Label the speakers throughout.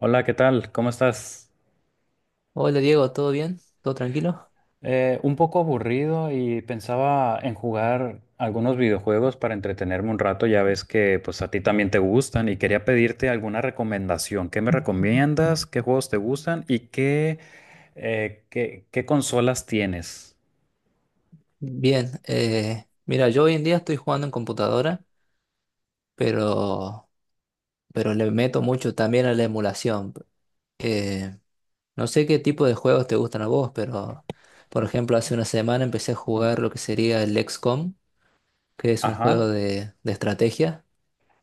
Speaker 1: Hola, ¿qué tal? ¿Cómo estás?
Speaker 2: Hola Diego, ¿todo bien? ¿Todo tranquilo?
Speaker 1: Un poco aburrido y pensaba en jugar algunos videojuegos para entretenerme un rato. Ya ves que pues a ti también te gustan y quería pedirte alguna recomendación. ¿Qué me recomiendas? ¿Qué juegos te gustan? ¿Y qué consolas tienes?
Speaker 2: Bien, mira, yo hoy en día estoy jugando en computadora, pero, pero le meto mucho también a la emulación. Eh, no sé qué tipo de juegos te gustan a vos, pero por ejemplo, hace una semana empecé a jugar lo que sería el XCOM, que es un juego
Speaker 1: Ajá.
Speaker 2: de estrategia.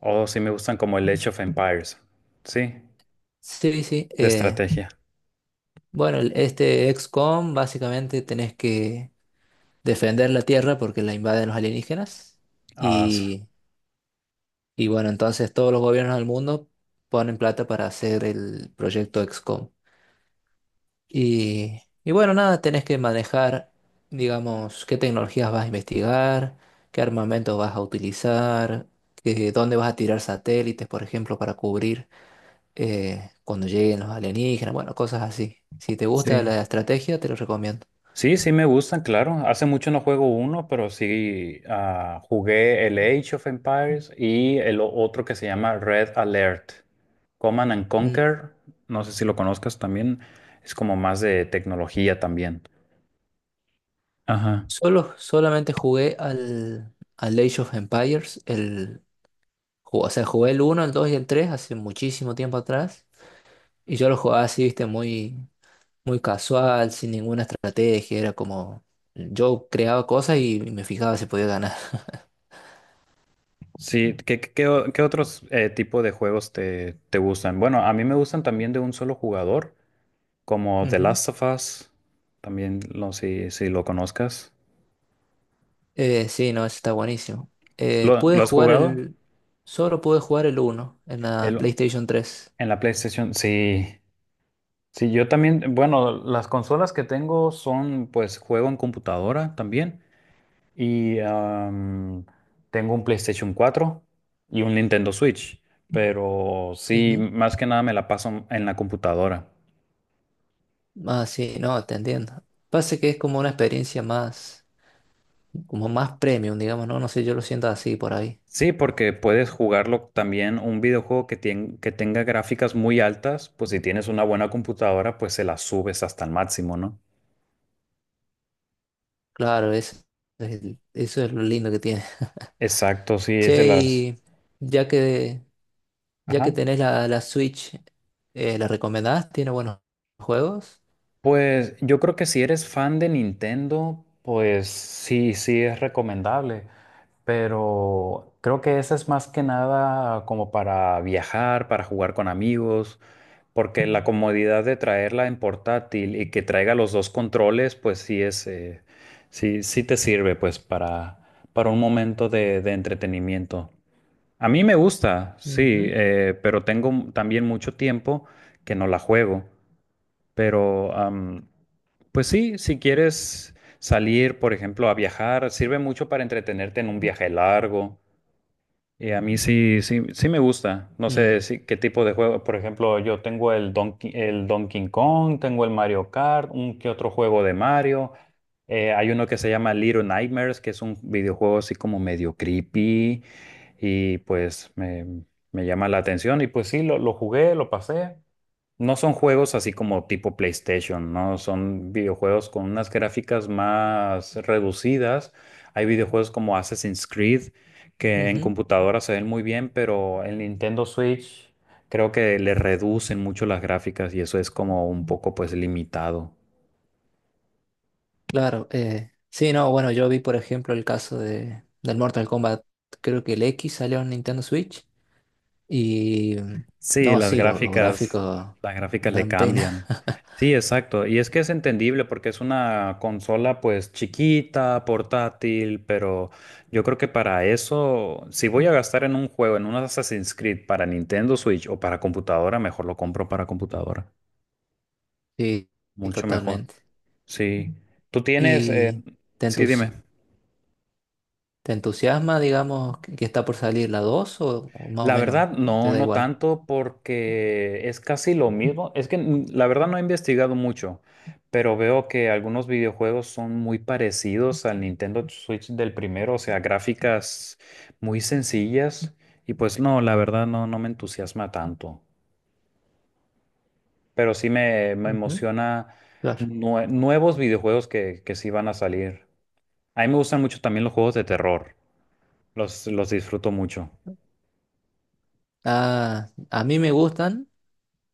Speaker 1: O si me gustan como el Age of Empires. Sí,
Speaker 2: Sí, sí.
Speaker 1: de
Speaker 2: eh,
Speaker 1: estrategia.
Speaker 2: bueno, el- este XCOM básicamente tenés que defender la Tierra porque la invaden los alienígenas.
Speaker 1: Ah,
Speaker 2: Y bueno, entonces todos los gobiernos del mundo ponen plata para hacer el proyecto XCOM. Y bueno, nada, tenés que manejar, digamos, qué tecnologías vas a investigar, qué armamento vas a utilizar, dónde vas a tirar satélites, por ejemplo, para cubrir cuando lleguen los alienígenas, bueno, cosas así. Si te gusta
Speaker 1: sí.
Speaker 2: la estrategia, te lo recomiendo.
Speaker 1: Sí, sí me gustan, claro. Hace mucho no juego uno, pero sí jugué el Age of Empires y el otro que se llama Red Alert. Command and
Speaker 2: Mm,
Speaker 1: Conquer, no sé si lo conozcas también, es como más de tecnología también. Ajá.
Speaker 2: solamente jugué al Age of Empires, o sea, jugué el uno el 2 y el 3 hace muchísimo tiempo atrás. Y yo lo jugaba así, viste, muy, muy casual, sin ninguna estrategia. Era como. Yo creaba cosas y me fijaba si podía ganar.
Speaker 1: Sí, ¿qué otros tipo de juegos te gustan? Bueno, a mí me gustan también de un solo jugador, como The
Speaker 2: Ujú.
Speaker 1: Last of Us, también no sé si, lo conozcas.
Speaker 2: Sí, no, eso está buenísimo.
Speaker 1: ¿Lo,
Speaker 2: Pude
Speaker 1: lo has
Speaker 2: jugar
Speaker 1: jugado?
Speaker 2: el. Solo pude jugar el uno en la
Speaker 1: El-
Speaker 2: PlayStation 3.
Speaker 1: en la PlayStation, sí. Sí, yo también, bueno, las consolas que tengo son, pues, juego en computadora también. Y tengo un PlayStation 4 y un Nintendo Switch. Pero sí,
Speaker 2: Ujú.
Speaker 1: más que nada me la paso en la computadora.
Speaker 2: Ah, sí, no, te entiendo. Pasa que es como una experiencia más. Como más premium, digamos, ¿no? No sé, yo lo siento así por ahí.
Speaker 1: Sí, porque puedes jugarlo también un videojuego que tenga gráficas muy altas, pues si tienes una buena computadora, pues se la subes hasta el máximo, ¿no?
Speaker 2: Claro, eso es, eso es lo lindo que tiene.
Speaker 1: Exacto, sí, es de
Speaker 2: Che,
Speaker 1: las.
Speaker 2: y ya que, ya que
Speaker 1: Ajá.
Speaker 2: tenés la Switch, ¿la recomendás? ¿Tiene buenos juegos?
Speaker 1: Pues yo creo que si eres fan de Nintendo, pues sí, sí es recomendable, pero creo que esa es más que nada como para viajar, para jugar con amigos, porque la comodidad de traerla en portátil y que traiga los dos controles, pues sí es, sí, sí te sirve pues para un momento de entretenimiento. A mí me gusta, sí,
Speaker 2: Ujú.
Speaker 1: pero tengo también mucho tiempo que no la juego. Pero, pues sí, si quieres salir, por ejemplo, a viajar, sirve mucho para entretenerte en un viaje largo. Y a mí sí, sí, sí me gusta. No sé
Speaker 2: Mm,
Speaker 1: si, qué tipo de juego. Por ejemplo, yo tengo el Donkey Kong, tengo el Mario Kart, un que otro juego de Mario. Hay uno que se llama Little Nightmares, que es un videojuego así como medio creepy. Y pues me llama la atención. Y pues sí, lo jugué, lo pasé. No son juegos así como tipo PlayStation, ¿no? Son videojuegos con unas gráficas más reducidas. Hay videojuegos como Assassin's Creed que en
Speaker 2: ujú.
Speaker 1: computadora se ven muy bien, pero en Nintendo Switch creo que le reducen mucho las gráficas y eso es como un poco pues limitado.
Speaker 2: Claro, sí, no, bueno, yo vi por ejemplo el caso del Mortal Kombat, creo que el X salió en Nintendo Switch y
Speaker 1: Sí,
Speaker 2: no,
Speaker 1: las
Speaker 2: sí, los
Speaker 1: gráficas,
Speaker 2: gráficos
Speaker 1: las gráficas le
Speaker 2: dan pena,
Speaker 1: cambian. Sí, exacto. Y es que es entendible porque es una consola pues chiquita, portátil, pero yo creo que para eso, si voy a gastar en un juego, en un Assassin's Creed para Nintendo Switch o para computadora, mejor lo compro para computadora.
Speaker 2: sí,
Speaker 1: Mucho mejor.
Speaker 2: totalmente.
Speaker 1: Sí. Tú tienes,
Speaker 2: ¿Y te
Speaker 1: sí, dime.
Speaker 2: entusi- te entusiasma, digamos, que está por salir la 2 o, más o
Speaker 1: La
Speaker 2: menos
Speaker 1: verdad,
Speaker 2: te
Speaker 1: no,
Speaker 2: da
Speaker 1: no
Speaker 2: igual?
Speaker 1: tanto, porque es casi lo mismo. Es que la verdad no he investigado mucho, pero veo que algunos videojuegos son muy parecidos al Nintendo Switch del primero, o sea, gráficas muy sencillas. Y pues no, la verdad no me entusiasma tanto. Pero sí me
Speaker 2: Ujú,
Speaker 1: emociona
Speaker 2: claro.
Speaker 1: nuevos videojuegos que sí van a salir. A mí me gustan mucho también los juegos de terror. Los disfruto mucho.
Speaker 2: Ah, a mí me gustan,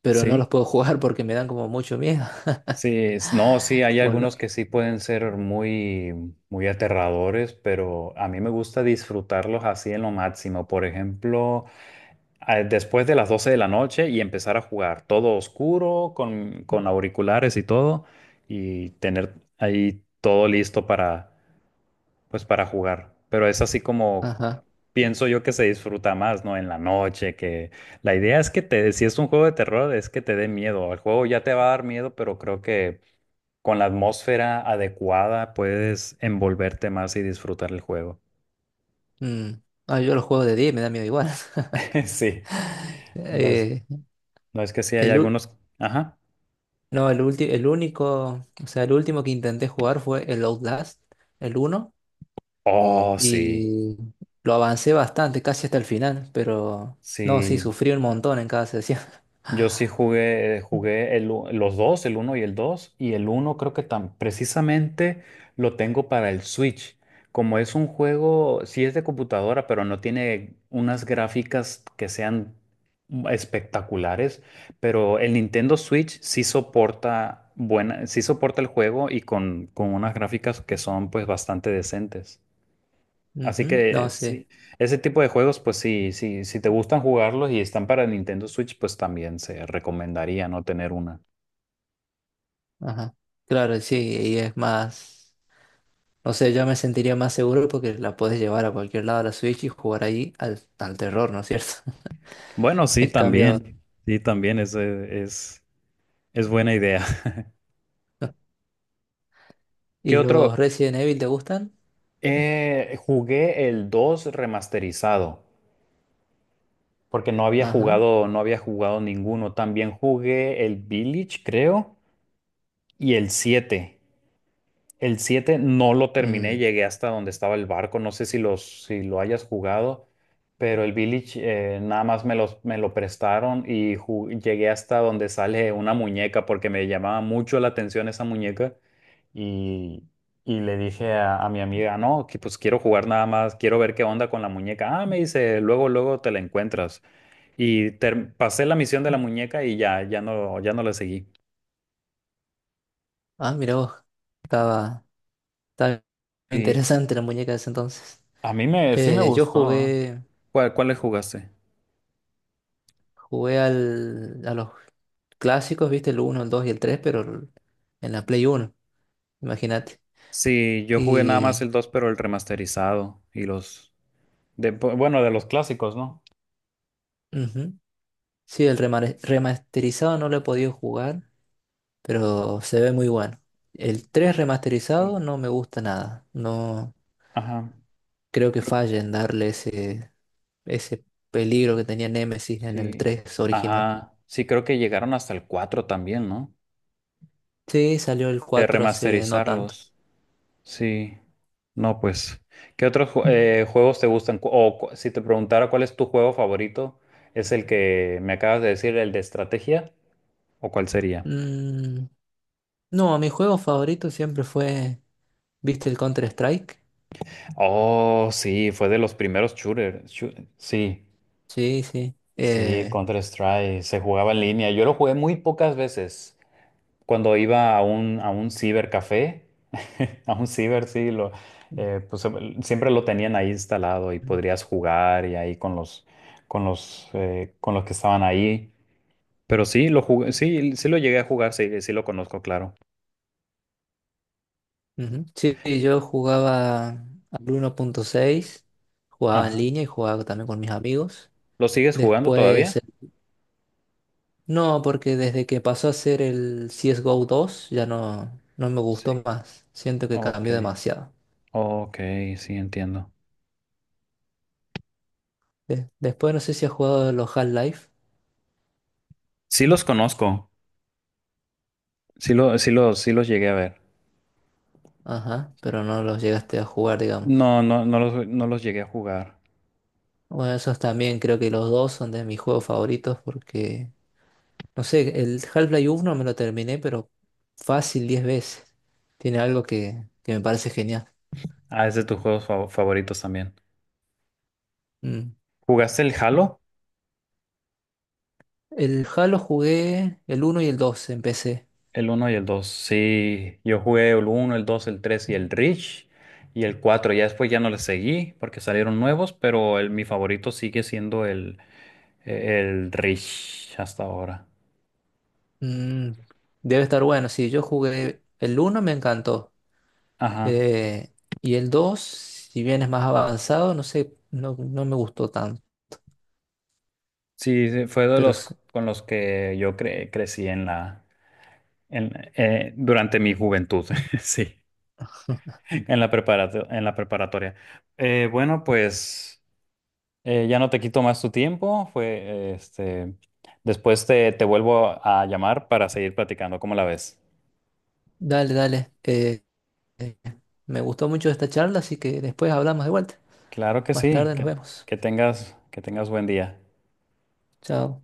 Speaker 2: pero no
Speaker 1: Sí,
Speaker 2: los puedo jugar porque me dan como mucho miedo.
Speaker 1: sí, no, sí, hay
Speaker 2: O lo-
Speaker 1: algunos que sí pueden ser muy, muy aterradores, pero a mí me gusta disfrutarlos así en lo máximo. Por ejemplo, después de las 12 de la noche y empezar a jugar todo oscuro, con auriculares y todo, y tener ahí todo listo para jugar. Pero es así como
Speaker 2: Ajá.
Speaker 1: pienso yo que se disfruta más, ¿no? En la noche, que la idea es que te, si es un juego de terror, es que te dé miedo. El juego ya te va a dar miedo, pero creo que con la atmósfera adecuada puedes envolverte más y disfrutar el juego.
Speaker 2: Mm. Ah, yo los juego de 10 y me da miedo igual.
Speaker 1: Sí, no es,
Speaker 2: Eh,
Speaker 1: no es que sí hay
Speaker 2: el, u-
Speaker 1: algunos. Ajá.
Speaker 2: no, el único, o sea, el último que intenté jugar fue el Outlast, el uno,
Speaker 1: Oh, sí.
Speaker 2: y lo avancé bastante, casi hasta el final, pero no, sí,
Speaker 1: Sí,
Speaker 2: sufrí un montón en cada sesión.
Speaker 1: yo sí jugué, los dos, el uno y el 2 y el uno creo que tan precisamente lo tengo para el Switch. Como es un juego, sí es de computadora, pero no tiene unas gráficas que sean espectaculares, pero el Nintendo Switch sí soporta buena, sí soporta el juego y con unas gráficas que son pues bastante decentes. Así
Speaker 2: Ujú,
Speaker 1: que
Speaker 2: no,
Speaker 1: sí,
Speaker 2: sí.
Speaker 1: ese tipo de juegos, pues sí, sí, si te gustan jugarlos y están para Nintendo Switch, pues también se recomendaría no tener una.
Speaker 2: Ajá. Claro, sí, y es más. No sé, yo me sentiría más seguro porque la puedes llevar a cualquier lado a la Switch y jugar ahí al terror, ¿no es cierto?
Speaker 1: Bueno, sí,
Speaker 2: En cambio,
Speaker 1: también. Sí, también es buena idea. ¿Qué
Speaker 2: ¿y
Speaker 1: otro?
Speaker 2: los Resident Evil te gustan?
Speaker 1: Jugué el 2 remasterizado, porque no había
Speaker 2: Ajá.
Speaker 1: jugado, no había jugado ninguno. También jugué el Village, creo, y el 7. El 7 no lo terminé,
Speaker 2: Mm.
Speaker 1: llegué hasta donde estaba el barco, no sé si, si lo hayas jugado, pero el Village nada más me lo prestaron y llegué hasta donde sale una muñeca porque me llamaba mucho la atención esa muñeca y, y le dije a mi amiga, no, que pues quiero jugar nada más, quiero ver qué onda con la muñeca. Ah, me dice, luego, luego te la encuentras. Y pasé la misión de la muñeca y ya no la seguí.
Speaker 2: Ah, mira vos. Estaba, estaba
Speaker 1: Sí,
Speaker 2: interesante la muñeca de ese entonces.
Speaker 1: a mí sí me
Speaker 2: Yo
Speaker 1: gustó.
Speaker 2: jugué,
Speaker 1: ¿Cuál le jugaste?
Speaker 2: jugué a los clásicos, viste, el uno el 2 y el tres, pero en la Play uno, imagínate.
Speaker 1: Sí, yo jugué nada
Speaker 2: Y
Speaker 1: más el 2, pero el remasterizado y los. De, bueno, de los clásicos, ¿no?
Speaker 2: ujú. Sí, el remasterizado no lo he podido jugar. Pero se ve muy bueno. El 3
Speaker 1: Sí.
Speaker 2: remasterizado no me gusta nada. No
Speaker 1: Ajá,
Speaker 2: creo que
Speaker 1: creo
Speaker 2: falle en darle ese, ese peligro que tenía Nemesis
Speaker 1: que
Speaker 2: en el
Speaker 1: sí.
Speaker 2: tres original.
Speaker 1: Ajá, sí, creo que llegaron hasta el 4 también, ¿no?
Speaker 2: Sí, salió el
Speaker 1: De
Speaker 2: cuatro hace no tanto.
Speaker 1: remasterizarlos. Sí. No, pues, ¿qué otros juegos te gustan? Si te preguntara cuál es tu juego favorito, ¿es el que me acabas de decir, el de estrategia? ¿O cuál sería?
Speaker 2: Mm, no, mi juego favorito siempre fue, ¿viste el Counter-Strike?
Speaker 1: Oh, sí, fue de los primeros shooters. Sí,
Speaker 2: Sí, sí.
Speaker 1: sí, Counter-Strike. Se jugaba en línea. Yo lo jugué muy pocas veces. Cuando iba a un cibercafé, sí, pues siempre lo tenían ahí instalado y podrías jugar y ahí con los que estaban ahí. Pero sí, lo jugué, sí, sí lo llegué a jugar, sí, sí lo conozco, claro.
Speaker 2: Ujú. Sí, yo jugaba al 1.6, jugaba en
Speaker 1: Ajá.
Speaker 2: línea y jugaba también con mis amigos.
Speaker 1: ¿Lo sigues jugando
Speaker 2: Después,
Speaker 1: todavía?
Speaker 2: no, porque desde que pasó a ser el CSGO 2 ya no me gustó
Speaker 1: Sí.
Speaker 2: más. Siento que
Speaker 1: Ok,
Speaker 2: cambió demasiado.
Speaker 1: ok, sí, entiendo.
Speaker 2: Después no sé si has jugado los Half-Life.
Speaker 1: Sí los conozco, sí, sí los llegué a ver.
Speaker 2: Ajá, pero no los llegaste a jugar, digamos.
Speaker 1: No, no, no los llegué a jugar.
Speaker 2: Bueno, esos también creo que los dos son de mis juegos favoritos porque, no sé, el Half-Life uno me lo terminé, pero fácil 10 veces. Tiene algo que me parece genial.
Speaker 1: Ah, es de tus juegos favoritos también.
Speaker 2: Mm.
Speaker 1: ¿Jugaste el Halo?
Speaker 2: El Halo jugué el uno y el 2 empecé.
Speaker 1: El uno y el 2. Sí, yo jugué el uno, el 2, el 3 y el Reach y el 4. Ya después ya no les seguí porque salieron nuevos, pero el, mi favorito sigue siendo el Reach hasta ahora.
Speaker 2: Mm, debe estar bueno. Sí, yo jugué el uno, me encantó.
Speaker 1: Ajá.
Speaker 2: Eh, y el dos, si bien es más avanzado, no sé, no me gustó tanto.
Speaker 1: Sí, sí, fue de
Speaker 2: Pero
Speaker 1: los
Speaker 2: s-
Speaker 1: con los que yo crecí durante mi juventud. Sí. En la preparatoria. Bueno, pues ya no te quito más tu tiempo. Fue, después te vuelvo a llamar para seguir platicando. ¿Cómo la ves?
Speaker 2: dale, dale. Eh, me gustó mucho esta charla, así que después hablamos de vuelta.
Speaker 1: Claro que
Speaker 2: Más
Speaker 1: sí.
Speaker 2: tarde nos
Speaker 1: Que,
Speaker 2: vemos.
Speaker 1: que tengas, que tengas buen día.
Speaker 2: Chao.